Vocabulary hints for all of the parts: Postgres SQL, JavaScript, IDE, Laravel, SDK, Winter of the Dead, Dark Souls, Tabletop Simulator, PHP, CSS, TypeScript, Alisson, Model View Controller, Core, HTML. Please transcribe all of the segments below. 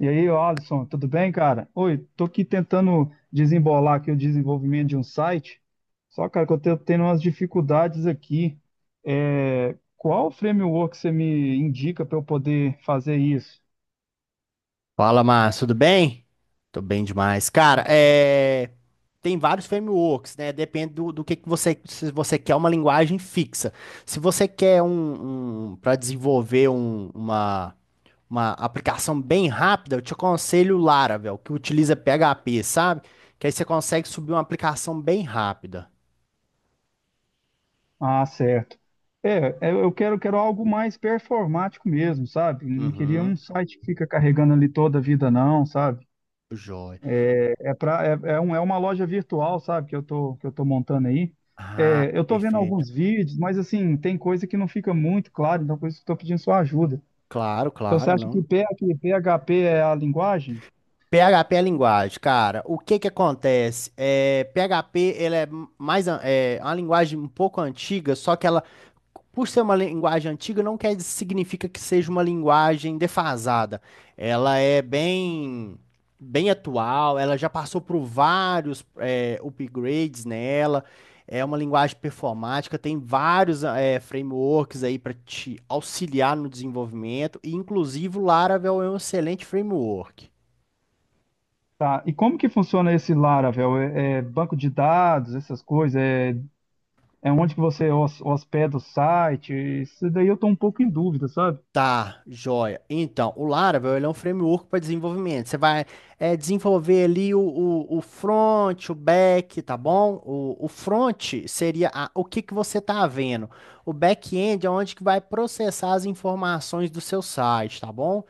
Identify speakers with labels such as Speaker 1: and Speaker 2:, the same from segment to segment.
Speaker 1: E aí, ô Alisson, tudo bem, cara? Oi, tô aqui tentando desembolar aqui o desenvolvimento de um site, só, cara, que eu tô tendo umas dificuldades aqui. Qual framework você me indica para eu poder fazer isso?
Speaker 2: Fala, Márcio, tudo bem? Tô bem demais. Cara, tem vários frameworks, né? Depende do que você. Se você quer uma linguagem fixa. Se você quer para desenvolver uma aplicação bem rápida, eu te aconselho o Laravel, que utiliza PHP, sabe? Que aí você consegue subir uma aplicação bem rápida.
Speaker 1: Ah, certo. Eu quero algo mais performático mesmo, sabe? Não queria
Speaker 2: Uhum.
Speaker 1: um site que fica carregando ali toda a vida, não, sabe?
Speaker 2: Joia.
Speaker 1: É, pra, é, é, um, é uma loja virtual, sabe, que eu tô montando aí.
Speaker 2: Ah,
Speaker 1: É, eu tô vendo
Speaker 2: perfeito.
Speaker 1: alguns vídeos, mas assim, tem coisa que não fica muito claro, então por isso que eu tô pedindo sua ajuda.
Speaker 2: Claro,
Speaker 1: Então você
Speaker 2: claro,
Speaker 1: acha que
Speaker 2: não.
Speaker 1: PHP é a linguagem?
Speaker 2: PHP é linguagem, cara. O que que acontece? PHP ele é é uma linguagem um pouco antiga, só que ela, por ser uma linguagem antiga, não quer significa que seja uma linguagem defasada. Ela é bem bem atual. Ela já passou por vários upgrades nela. É uma linguagem performática. Tem vários frameworks aí para te auxiliar no desenvolvimento. E inclusive o Laravel é um excelente framework.
Speaker 1: Tá. E como que funciona esse Laravel? É, é banco de dados, essas coisas? É, é onde que você hospeda o site? Isso daí eu tô um pouco em dúvida, sabe?
Speaker 2: Tá, joia. Então, o Laravel ele é um framework para desenvolvimento. Você vai desenvolver ali o front, o back, tá bom? O front seria o que que você está vendo. O back-end é onde que vai processar as informações do seu site, tá bom?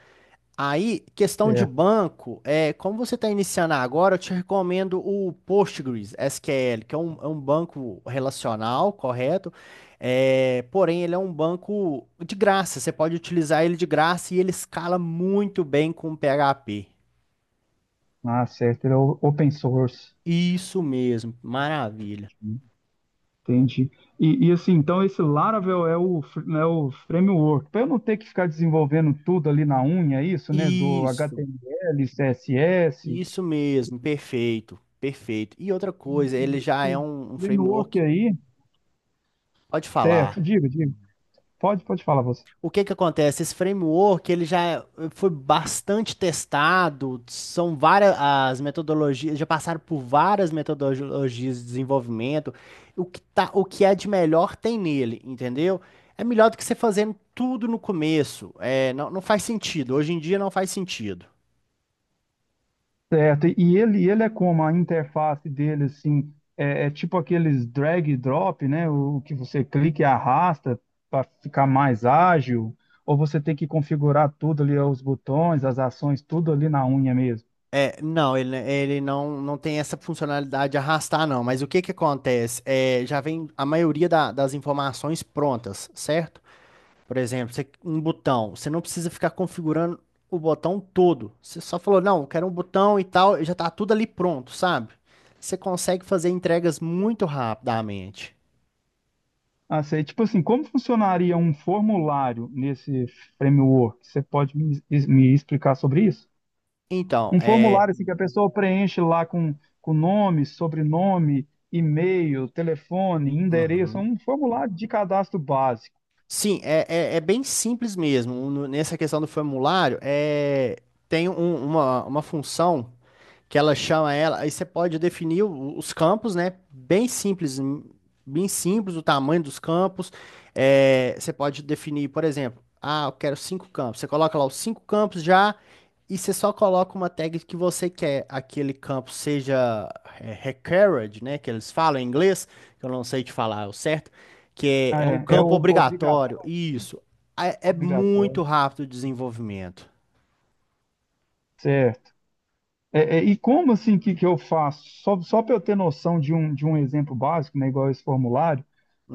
Speaker 2: Aí, questão de
Speaker 1: É,
Speaker 2: banco, como você está iniciando agora, eu te recomendo o Postgres SQL, que é um banco relacional, correto? Porém, ele é um banco de graça, você pode utilizar ele de graça e ele escala muito bem com o PHP.
Speaker 1: ah, certo, ele é open source.
Speaker 2: Isso mesmo, maravilha.
Speaker 1: Entendi. E, assim, então esse Laravel é é o framework, para eu não ter que ficar desenvolvendo tudo ali na unha, é isso, né? Do
Speaker 2: Isso,
Speaker 1: HTML, CSS.
Speaker 2: isso mesmo, perfeito, perfeito. E outra coisa, ele já é
Speaker 1: Esse
Speaker 2: um
Speaker 1: framework
Speaker 2: framework,
Speaker 1: aí,
Speaker 2: pode falar.
Speaker 1: certo, diga, diga. Pode, pode falar você.
Speaker 2: O que que acontece? Esse framework, ele já foi bastante testado, são várias as metodologias, já passaram por várias metodologias de desenvolvimento. O que é de melhor tem nele, entendeu? É melhor do que você fazendo tudo no começo. É, não, não faz sentido. Hoje em dia não faz sentido.
Speaker 1: Certo. E ele é como a interface dele, assim, é, é tipo aqueles drag e drop, né? O que você clica e arrasta para ficar mais ágil, ou você tem que configurar tudo ali, os botões, as ações, tudo ali na unha mesmo.
Speaker 2: Não, ele não tem essa funcionalidade de arrastar, não. Mas o que que acontece? Já vem a maioria das informações prontas, certo? Por exemplo, um botão, você não precisa ficar configurando o botão todo. Você só falou, não, eu quero um botão e tal, e já tá tudo ali pronto, sabe? Você consegue fazer entregas muito rapidamente.
Speaker 1: Ah, sei. Tipo assim, como funcionaria um formulário nesse framework? Você pode me explicar sobre isso?
Speaker 2: Então,
Speaker 1: Um
Speaker 2: é.
Speaker 1: formulário assim, que a pessoa preenche lá com nome, sobrenome, e-mail, telefone, endereço, é
Speaker 2: Uhum.
Speaker 1: um formulário de cadastro básico.
Speaker 2: Sim, bem simples mesmo. Nessa questão do formulário, tem uma função, que ela chama ela, aí você pode definir os campos, né? Bem simples o tamanho dos campos. Você pode definir, por exemplo, ah, eu quero cinco campos. Você coloca lá os cinco campos já e você só coloca uma tag que você quer aquele campo seja required, né? Que eles falam em inglês, que eu não sei te falar o certo, que é,
Speaker 1: Ah,
Speaker 2: é um
Speaker 1: é, é
Speaker 2: campo
Speaker 1: obrigatório,
Speaker 2: obrigatório. Isso. É, é muito
Speaker 1: obrigatório.
Speaker 2: rápido o desenvolvimento.
Speaker 1: Certo. É, é, e como assim que eu faço? Só, só para eu ter noção de um exemplo básico, né, igual esse formulário,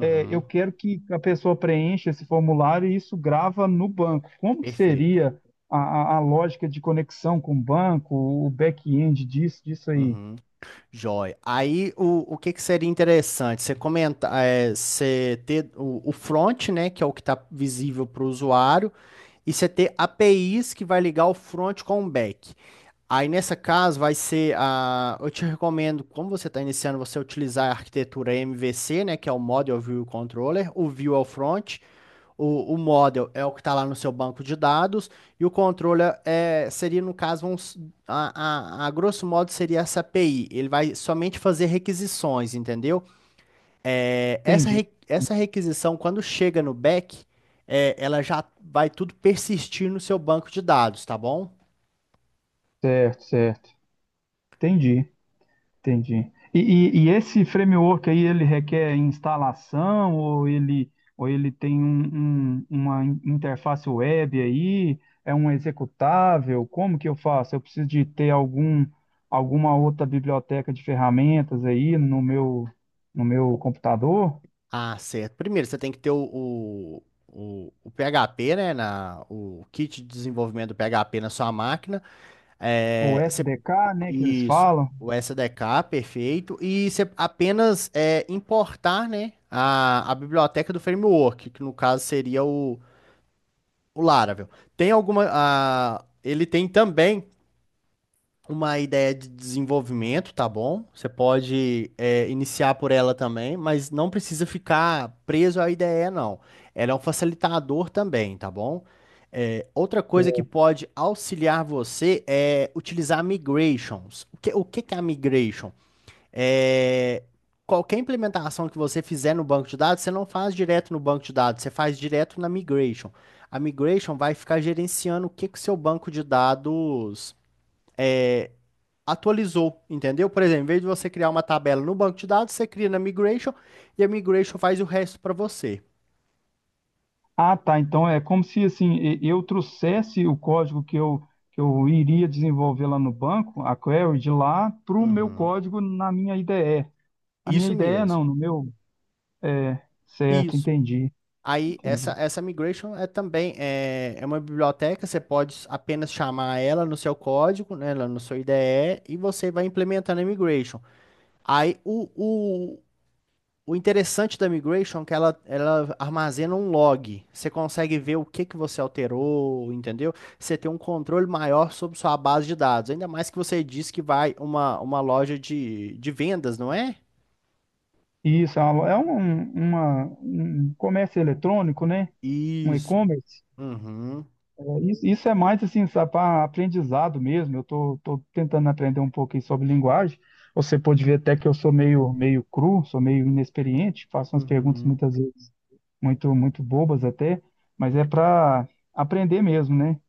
Speaker 1: é, eu quero que a pessoa preencha esse formulário e isso grava no banco. Como que
Speaker 2: perfeito.
Speaker 1: seria a lógica de conexão com o banco, o back-end disso aí?
Speaker 2: Uhum. Joia. Aí o que que seria interessante? Você comenta, você ter o front, né, que é o que está visível para o usuário, e você ter APIs que vai ligar o front com o back. Aí nessa caso eu te recomendo, como você está iniciando, você utilizar a arquitetura MVC, né, que é o Model View Controller. O View é o front, o model é o que está lá no seu banco de dados e o controller seria, no caso, a grosso modo, seria essa API. Ele vai somente fazer requisições, entendeu?
Speaker 1: Entendi.
Speaker 2: Essa requisição, quando chega no back, ela já vai tudo persistir no seu banco de dados, tá bom?
Speaker 1: Certo, certo. Entendi. Entendi. E, e esse framework aí, ele requer instalação ou ele tem uma interface web aí? É um executável? Como que eu faço? Eu preciso de ter algum, alguma outra biblioteca de ferramentas aí no no meu computador?
Speaker 2: Ah, certo. Primeiro, você tem que ter o PHP, né, o kit de desenvolvimento do PHP na sua máquina.
Speaker 1: O
Speaker 2: É, você-
Speaker 1: SDK, né, que eles
Speaker 2: isso,
Speaker 1: falam.
Speaker 2: o SDK, perfeito. E você apenas importar, né, a biblioteca do framework, que no caso seria o Laravel. Tem alguma. Ele tem também uma ideia de desenvolvimento, tá bom? Você pode iniciar por ela também, mas não precisa ficar preso à ideia, não. Ela é um facilitador também, tá bom? Outra coisa que pode auxiliar você é utilizar migrations. O que que é a migration? É, qualquer implementação que você fizer no banco de dados, você não faz direto no banco de dados, você faz direto na migration. A migration vai ficar gerenciando o que que o seu banco de dados é, atualizou, entendeu? Por exemplo, em vez de você criar uma tabela no banco de dados, você cria na Migration e a Migration faz o resto para você.
Speaker 1: Ah, tá. Então é como se assim eu trouxesse o código que eu iria desenvolver lá no banco, a query de lá, para o meu
Speaker 2: Uhum.
Speaker 1: código na minha IDE. A minha
Speaker 2: Isso
Speaker 1: IDE
Speaker 2: mesmo.
Speaker 1: não, no meu. É, certo,
Speaker 2: Isso.
Speaker 1: entendi,
Speaker 2: Aí essa
Speaker 1: entendi.
Speaker 2: essa migration é também é uma biblioteca, você pode apenas chamar ela no seu código, né, lá no seu IDE e você vai implementando a migration. Aí o interessante da migration é que ela armazena um log. Você consegue ver o que que você alterou, entendeu? Você tem um controle maior sobre sua base de dados. Ainda mais que você disse que vai uma loja de vendas, não é?
Speaker 1: Isso, é uma, é um um, uma- um comércio eletrônico, né? Um
Speaker 2: Isso.
Speaker 1: e-commerce.
Speaker 2: Uhum,
Speaker 1: É, isso é mais assim, para aprendizado mesmo. Eu tô tentando aprender um pouquinho sobre linguagem. Você pode ver até que eu sou meio cru, sou meio inexperiente, faço umas perguntas
Speaker 2: uhum.
Speaker 1: muitas vezes muito bobas até, mas é para aprender mesmo, né?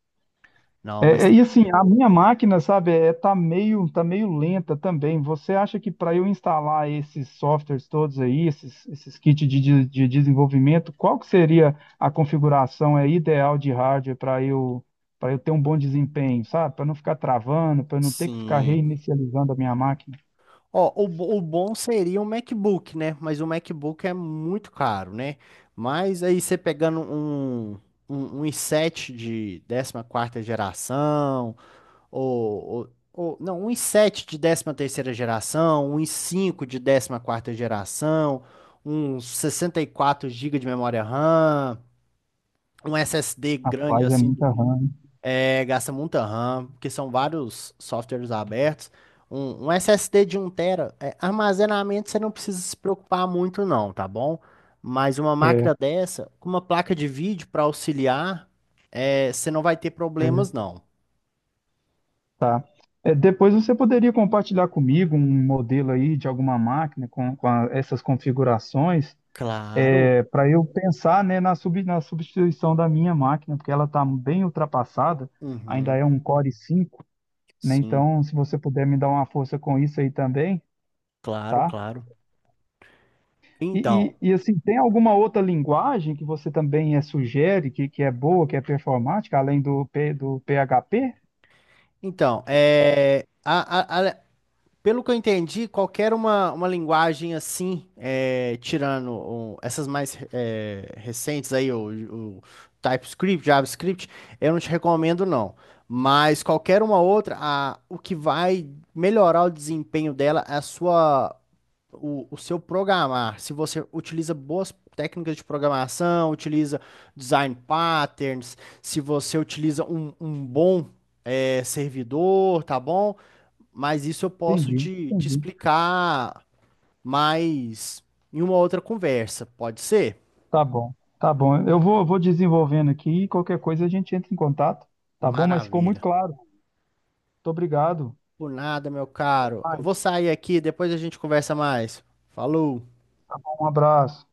Speaker 2: Não, mas
Speaker 1: É, e assim, a minha máquina, sabe, é, tá meio lenta também. Você acha que para eu instalar esses softwares todos aí, esses kits de desenvolvimento, qual que seria a configuração é, ideal de hardware para eu ter um bom desempenho, sabe? Para não ficar travando, para não ter que ficar
Speaker 2: sim.
Speaker 1: reinicializando a minha máquina.
Speaker 2: Ó, o bom seria um MacBook, né? Mas o MacBook é muito caro, né? Mas aí você pegando um i7 de 14ª geração não, 1,7 de 13ª geração, um i5 de 14ª geração, uns 64 gigas de memória RAM, um SSD grande
Speaker 1: Rapaz, é
Speaker 2: assim.
Speaker 1: muita RAM, hein?
Speaker 2: Gasta muita RAM, porque são vários softwares abertos. Um SSD de um tera, armazenamento você não precisa se preocupar muito não, tá bom? Mas uma máquina dessa, com uma placa de vídeo para auxiliar, você não vai ter
Speaker 1: É,
Speaker 2: problemas
Speaker 1: é.
Speaker 2: não.
Speaker 1: Tá. É, depois você poderia compartilhar comigo um modelo aí de alguma máquina com, essas configurações,
Speaker 2: Claro.
Speaker 1: para eu pensar, né, na substituição da minha máquina, porque ela está bem ultrapassada, ainda
Speaker 2: Uhum.
Speaker 1: é um Core 5, né?
Speaker 2: Sim.
Speaker 1: Então, se você puder me dar uma força com isso aí também,
Speaker 2: Claro,
Speaker 1: tá?
Speaker 2: claro. Então,
Speaker 1: Assim, tem alguma outra linguagem que você também sugere que é boa, que é performática, além do, P, do PHP?
Speaker 2: então, é, a- a- a- pelo que eu entendi, qualquer uma linguagem assim, tirando essas mais recentes aí, o TypeScript, JavaScript, eu não te recomendo não. Mas qualquer uma outra, o que vai melhorar o desempenho dela é o seu programar, se você utiliza boas técnicas de programação, utiliza design patterns, se você utiliza um bom servidor, tá bom? Mas isso eu posso
Speaker 1: Entendi,
Speaker 2: te
Speaker 1: entendi.
Speaker 2: explicar mais em uma outra conversa, pode ser?
Speaker 1: Tá bom, tá bom. Eu vou desenvolvendo aqui e qualquer coisa a gente entra em contato, tá bom? Mas ficou muito
Speaker 2: Maravilha.
Speaker 1: claro. Muito obrigado.
Speaker 2: Por nada, meu caro. Eu vou sair aqui, depois a gente conversa mais. Falou!
Speaker 1: Um abraço.